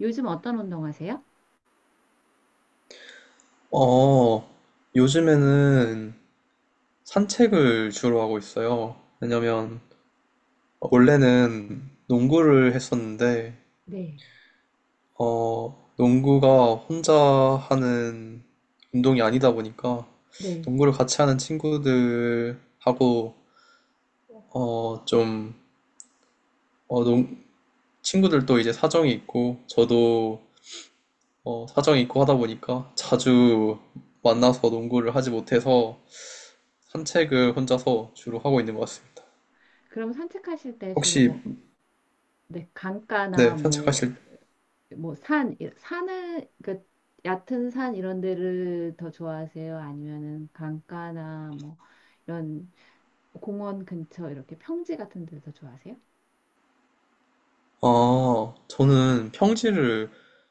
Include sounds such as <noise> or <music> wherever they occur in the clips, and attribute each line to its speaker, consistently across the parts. Speaker 1: 요즘 어떤 운동하세요?
Speaker 2: 어, 요즘에는 산책을 주로 하고 있어요. 왜냐면 원래는 농구를 했었는데
Speaker 1: 네.
Speaker 2: 농구가 혼자 하는 운동이 아니다 보니까
Speaker 1: 네.
Speaker 2: 농구를 같이 하는 친구들하고 어, 좀 어, 농, 친구들도 이제 사정이 있고 저도 사정이 있고 하다 보니까 자주 만나서 농구를 하지 못해서 산책을 혼자서 주로 하고 있는 것 같습니다.
Speaker 1: 그럼 산책하실 때 주로
Speaker 2: 혹시
Speaker 1: 뭐, 네,
Speaker 2: 네
Speaker 1: 강가나 뭐,
Speaker 2: 산책하실
Speaker 1: 뭐 산, 산을, 그, 얕은 산 이런 데를 더 좋아하세요? 아니면은 강가나 뭐, 이런 공원 근처 이렇게 평지 같은 데를 더 좋아하세요?
Speaker 2: 아 저는 평지를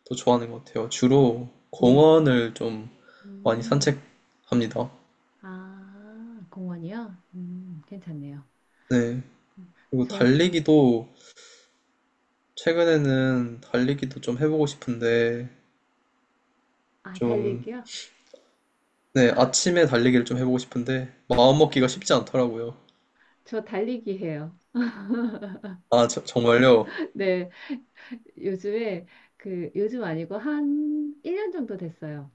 Speaker 2: 더 좋아하는 것 같아요. 주로
Speaker 1: 네.
Speaker 2: 공원을 좀 많이
Speaker 1: 음,
Speaker 2: 산책합니다.
Speaker 1: 아, 공원이요? 괜찮네요.
Speaker 2: 네.
Speaker 1: 음,
Speaker 2: 그리고
Speaker 1: 전,
Speaker 2: 달리기도 최근에는 달리기도 좀 해보고 싶은데
Speaker 1: 아,
Speaker 2: 좀
Speaker 1: 달리기요?
Speaker 2: 네, 아침에 달리기를 좀 해보고 싶은데
Speaker 1: 네,
Speaker 2: 마음먹기가 쉽지 않더라고요.
Speaker 1: 저 달리기 해요.
Speaker 2: 아 저- 정말요?
Speaker 1: <laughs> 네, 요즘에 그 요즘 아니고 한 1년 정도 됐어요.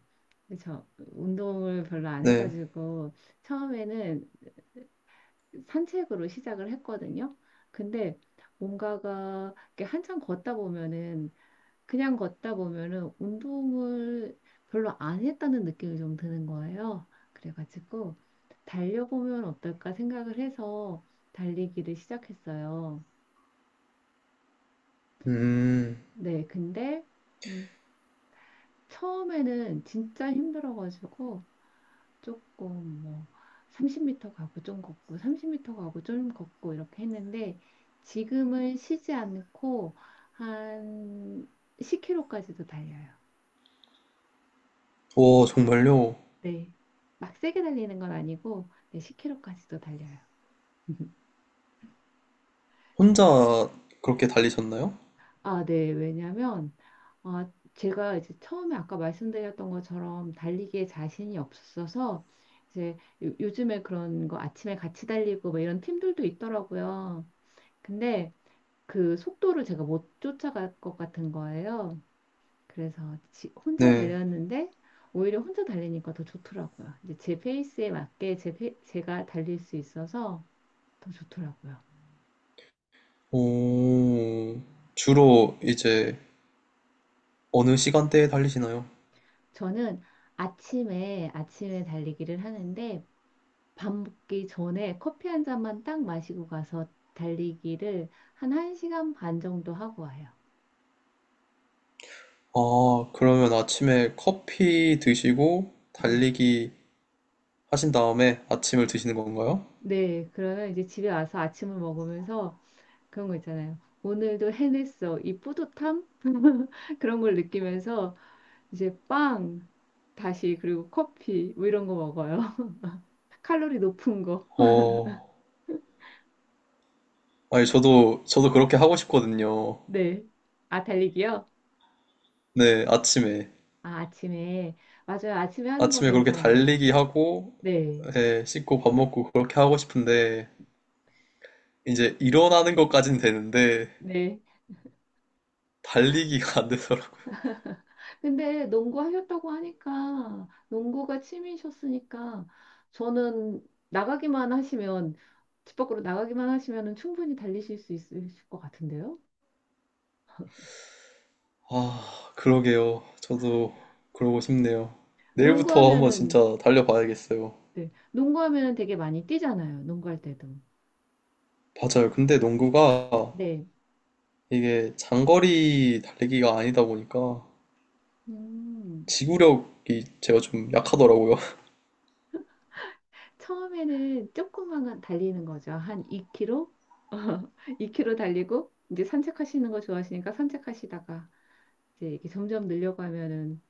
Speaker 1: 저 운동을 별로 안
Speaker 2: 네.
Speaker 1: 해가지고 처음에는 산책으로 시작을 했거든요. 근데 뭔가가 이렇게 한참 걷다 보면은 그냥 걷다 보면은 운동을 별로 안 했다는 느낌이 좀 드는 거예요. 그래가지고 달려보면 어떨까 생각을 해서 달리기를 시작했어요.
Speaker 2: 음.
Speaker 1: 네, 근데 음, 처음에는 진짜 힘들어가지고 조금 뭐 30m 가고 좀 걷고 30m 가고 좀 걷고 이렇게 했는데 지금은 쉬지 않고 한 10km까지도 달려요.
Speaker 2: 오 정말요?
Speaker 1: 네. 막 세게 달리는 건 아니고 네, 10km까지도 달려요. <laughs>
Speaker 2: 혼자 그렇게 달리셨나요?
Speaker 1: 아, 네. 왜냐면, 아, 제가 이제 처음에 아까 말씀드렸던 것처럼 달리기에 자신이 없어서, 이제 요즘에 그런 거 아침에 같이 달리고 뭐 이런 팀들도 있더라고요. 근데 그 속도를 제가 못 쫓아갈 것 같은 거예요. 그래서 혼자
Speaker 2: 네.
Speaker 1: 달렸는데, 오히려 혼자 달리니까 더 좋더라고요. 이제 제 페이스에 맞게 제 페, 제가 달릴 수 있어서 더 좋더라고요.
Speaker 2: 오. 주로 이제 어느 시간대에 달리시나요?
Speaker 1: 저는 아침에, 아침에 달리기를 하는데, 밥 먹기 전에 커피 한 잔만 딱 마시고 가서 달리기를 한 1시간 반 정도 하고 와요.
Speaker 2: 아, 그러면 아침에 커피 드시고
Speaker 1: 네.
Speaker 2: 달리기 하신 다음에 아침을 드시는 건가요?
Speaker 1: 네. 그러면 이제 집에 와서 아침을 먹으면서 그런 거 있잖아요. 오늘도 해냈어. 이 뿌듯함? <laughs> 그런 걸 느끼면서 이제 빵, 다시 그리고 커피 뭐 이런 거 먹어요. <laughs> 칼로리 높은 거.
Speaker 2: 어, 아니, 저도, 저도 그렇게 하고 싶거든요.
Speaker 1: 네. 아, 달리기요?
Speaker 2: 네, 아침에.
Speaker 1: 아, 아침에. 맞아요. 아침에 하는 거
Speaker 2: 아침에 그렇게
Speaker 1: 괜찮아요.
Speaker 2: 달리기 하고,
Speaker 1: 네.
Speaker 2: 예, 씻고 밥 먹고 그렇게 하고 싶은데, 이제 일어나는 것까진 되는데,
Speaker 1: 네.
Speaker 2: 달리기가 안 되더라고요.
Speaker 1: 근데 농구하셨다고 하니까 농구가 취미셨으니까 저는 나가기만 하시면 집 밖으로 나가기만 하시면은 충분히 달리실 수 있을 것 같은데요.
Speaker 2: 아, 그러게요. 저도 그러고 싶네요. 내일부터 한번
Speaker 1: 농구하면은
Speaker 2: 진짜 달려봐야겠어요.
Speaker 1: 네, 농구하면은 되게 많이 뛰잖아요. 농구할 때도.
Speaker 2: 맞아요. 근데 농구가
Speaker 1: 네.
Speaker 2: 이게 장거리 달리기가 아니다 보니까
Speaker 1: 음.
Speaker 2: 지구력이 제가 좀 약하더라고요. <laughs>
Speaker 1: 처음에는 조금만 달리는 거죠. 한 2km? 2km <laughs> 달리고 이제 산책하시는 거 좋아하시니까 산책하시다가 이제 이렇게 점점 늘려가면은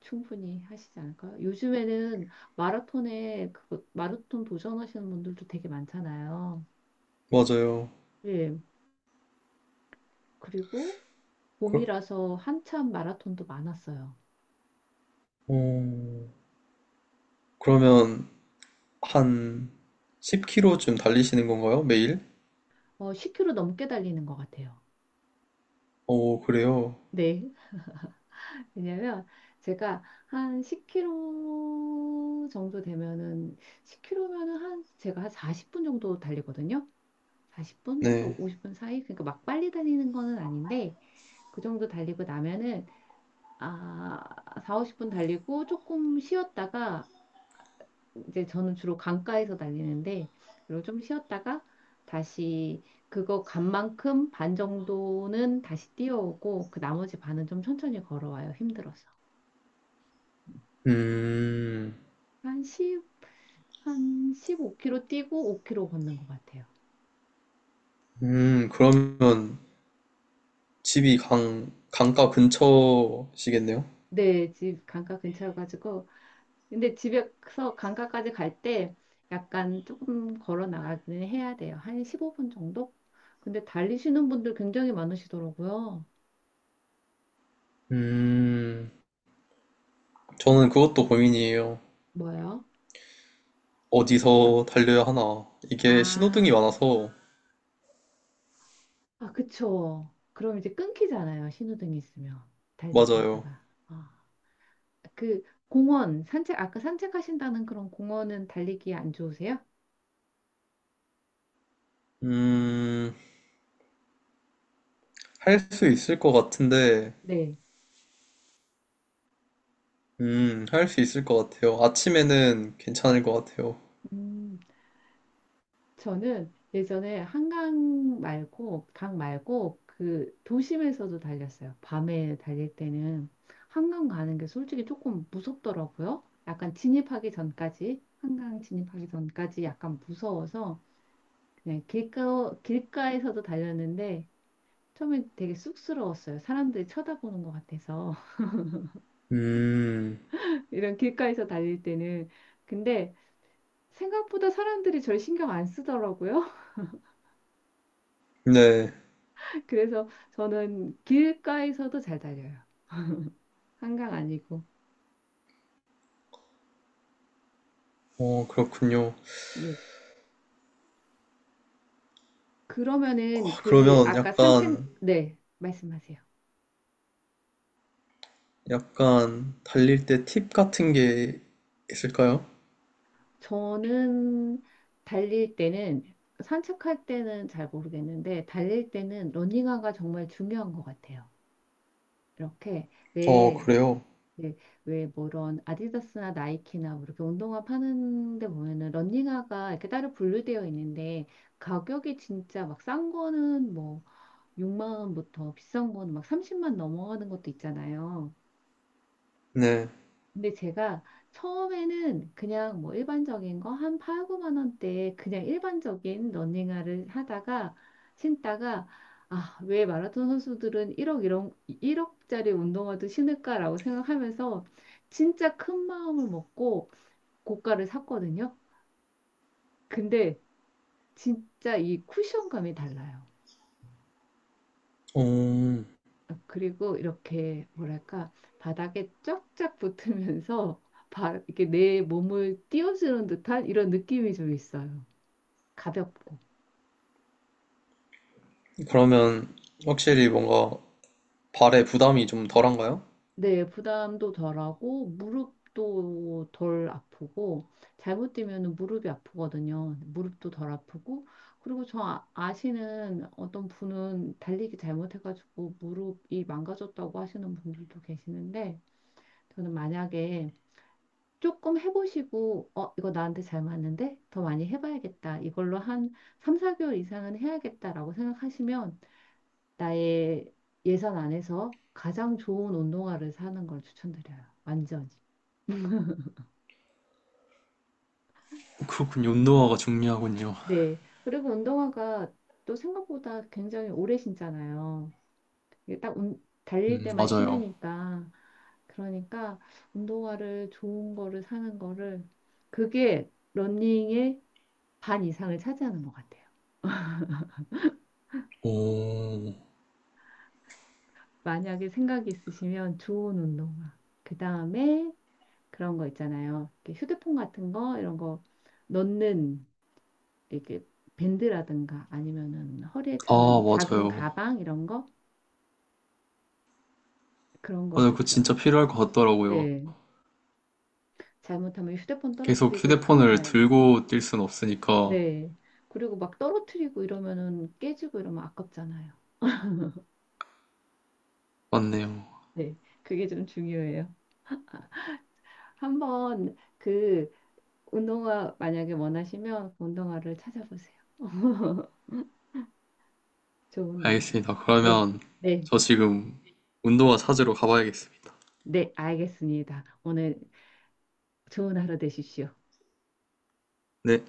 Speaker 1: 충분히 하시지 않을까요? 요즘에는 마라톤에 그거 마라톤 도전하시는 분들도 되게 많잖아요.
Speaker 2: 맞아요.
Speaker 1: 예. 그리고
Speaker 2: 그,
Speaker 1: 봄이라서 한참 마라톤도 많았어요.
Speaker 2: 어, 그러면 한 10km쯤 달리시는 건가요? 매일?
Speaker 1: 어, 10km 넘게 달리는 것 같아요.
Speaker 2: 어, 그래요.
Speaker 1: 네. <laughs> 왜냐면 제가 한 10km 정도 되면은 10km면은 한 제가 한 40분 정도 달리거든요. 40분에서
Speaker 2: 네.
Speaker 1: 50분 사이. 그러니까 막 빨리 달리는 거는 아닌데 그 정도 달리고 나면은 아, 4, 50분 달리고 조금 쉬었다가 이제 저는 주로 강가에서 달리는데 그리고 좀 쉬었다가 다시 그거 간 만큼 반 정도는 다시 뛰어오고 그 나머지 반은 좀 천천히 걸어와요. 힘들어서.
Speaker 2: 음,
Speaker 1: 한1한 15km 뛰고 5km 걷는 것 같아요.
Speaker 2: 그러면 집이 강, 강가 근처시겠네요?
Speaker 1: 네, 집 강가 근처여가지고 근데 집에서 강가까지 갈 때 약간 조금 걸어 나가기는 해야 돼요. 한 15분 정도? 근데 달리시는 분들 굉장히 많으시더라고요.
Speaker 2: 음, 저는 그것도 고민이에요.
Speaker 1: 뭐요?
Speaker 2: 어디서 달려야 하나. 이게 신호등이
Speaker 1: 아,
Speaker 2: 많아서,
Speaker 1: 아, 그쵸. 그럼 이제 끊기잖아요. 신호등이 있으면. 달리기
Speaker 2: 맞아요.
Speaker 1: 하다가. 아, 그 공원, 산책, 아까 산책하신다는 그런 공원은 달리기 안 좋으세요?
Speaker 2: 음, 할 수 있을 것 같은데,
Speaker 1: 네.
Speaker 2: 할 수 있을 것 같아요. 아침에는 괜찮을 것 같아요.
Speaker 1: 음. 저는 예전에 한강 말고, 강 말고, 그 도심에서도 달렸어요. 밤에 달릴 때는 한강 가는 게 솔직히 조금 무섭더라고요. 약간 진입하기 전까지, 한강 진입하기 전까지 약간 무서워서 그냥 길가, 길가에서도 달렸는데 처음엔 되게 쑥스러웠어요. 사람들이 쳐다보는 것 같아서.
Speaker 2: 음,
Speaker 1: <laughs> 이런 길가에서 달릴 때는. 근데 생각보다 사람들이 절 신경 안 쓰더라고요.
Speaker 2: 네.
Speaker 1: <laughs> 그래서 저는 길가에서도 잘 달려요. 한강 아니고.
Speaker 2: 어, 그렇군요.
Speaker 1: 예. 그러면은
Speaker 2: 아,
Speaker 1: 그
Speaker 2: 그러면
Speaker 1: 아까 산책
Speaker 2: 약간,
Speaker 1: 네, 말씀하세요.
Speaker 2: 약간 달릴 때 팁 같은 게 있을까요?
Speaker 1: 저는 달릴 때는 산책할 때는 잘 모르겠는데 달릴 때는 러닝화가 정말 중요한 것 같아요. 이렇게
Speaker 2: 어,
Speaker 1: 왜
Speaker 2: 그래요.
Speaker 1: 왜, 왜뭐 이런 아디다스나 나이키나 뭐 이렇게 운동화 파는 데 보면은 러닝화가 이렇게 따로 분류되어 있는데 가격이 진짜 막 싼 거는 뭐 6만 원부터 비싼 거는 막 30만 넘어가는 것도 있잖아요.
Speaker 2: 네.
Speaker 1: 근데 제가 처음에는 그냥 뭐 일반적인 거 한 8, 9만 원대에 그냥 일반적인 러닝화를 하다가 신다가 아, 왜 마라톤 선수들은 1억 이런 1억짜리 운동화도 신을까라고 생각하면서 진짜 큰 마음을 먹고 고가를 샀거든요. 근데 진짜 이 쿠션감이 달라요.
Speaker 2: 어,
Speaker 1: 어, 그리고 이렇게 뭐랄까 바닥에 쫙쫙 붙으면서 <laughs> 이렇게 내 몸을 띄워주는 듯한 이런 느낌이 좀 있어요. 가볍고.
Speaker 2: 그러면 확실히 뭔가 발에 부담이 좀 덜한가요?
Speaker 1: 네, 부담도 덜하고 무릎도 덜 아프고 잘못 뛰면 무릎이 아프거든요. 무릎도 덜 아프고 그리고 저 아시는 어떤 분은 달리기 잘못해가지고 무릎이 망가졌다고 하시는 분들도 계시는데 저는 만약에 조금 해보시고, 어, 이거 나한테 잘 맞는데? 더 많이 해봐야겠다. 이걸로 한 3, 4개월 이상은 해야겠다라고 생각하시면 나의 예산 안에서 가장 좋은 운동화를 사는 걸 추천드려요. 완전히.
Speaker 2: 그렇군요. 운동화가 중요하군요.
Speaker 1: 네. 그리고 운동화가 또 생각보다 굉장히 오래 신잖아요. 이게 딱 달릴 때만
Speaker 2: 맞아요.
Speaker 1: 신으니까. 그러니까 운동화를 좋은 거를 사는 거를 그게 러닝의 반 이상을 차지하는 것 같아요.
Speaker 2: 오,
Speaker 1: 만약에 생각이 있으시면 좋은 운동화. 그 다음에 그런 거 있잖아요. 이렇게 휴대폰 같은 거, 이런 거 넣는 이렇게 밴드라든가 아니면은 허리에
Speaker 2: 아,
Speaker 1: 차는 작은
Speaker 2: 맞아요.
Speaker 1: 가방 이런 거 그런 거
Speaker 2: 맞아요. 그거
Speaker 1: 좋죠.
Speaker 2: 진짜 필요할 것 같더라고요.
Speaker 1: 네. 잘못하면 휴대폰
Speaker 2: 계속
Speaker 1: 떨어뜨리고 큰일
Speaker 2: 휴대폰을
Speaker 1: 나요.
Speaker 2: 들고 뛸 순 없으니까.
Speaker 1: 네. 그리고 막 떨어뜨리고 이러면은 깨지고 이러면 아깝잖아요.
Speaker 2: 맞네요.
Speaker 1: 네. 그게 좀 중요해요. 한번 그 운동화 만약에 원하시면 그 운동화를 찾아보세요. <laughs> 좋은 운동을.
Speaker 2: 알겠습니다.
Speaker 1: 네,
Speaker 2: 그러면
Speaker 1: 네,
Speaker 2: 저 지금 운동화 찾으러 가봐야겠습니다.
Speaker 1: 네, 알겠습니다. 오늘 좋은 하루 되십시오.
Speaker 2: 네.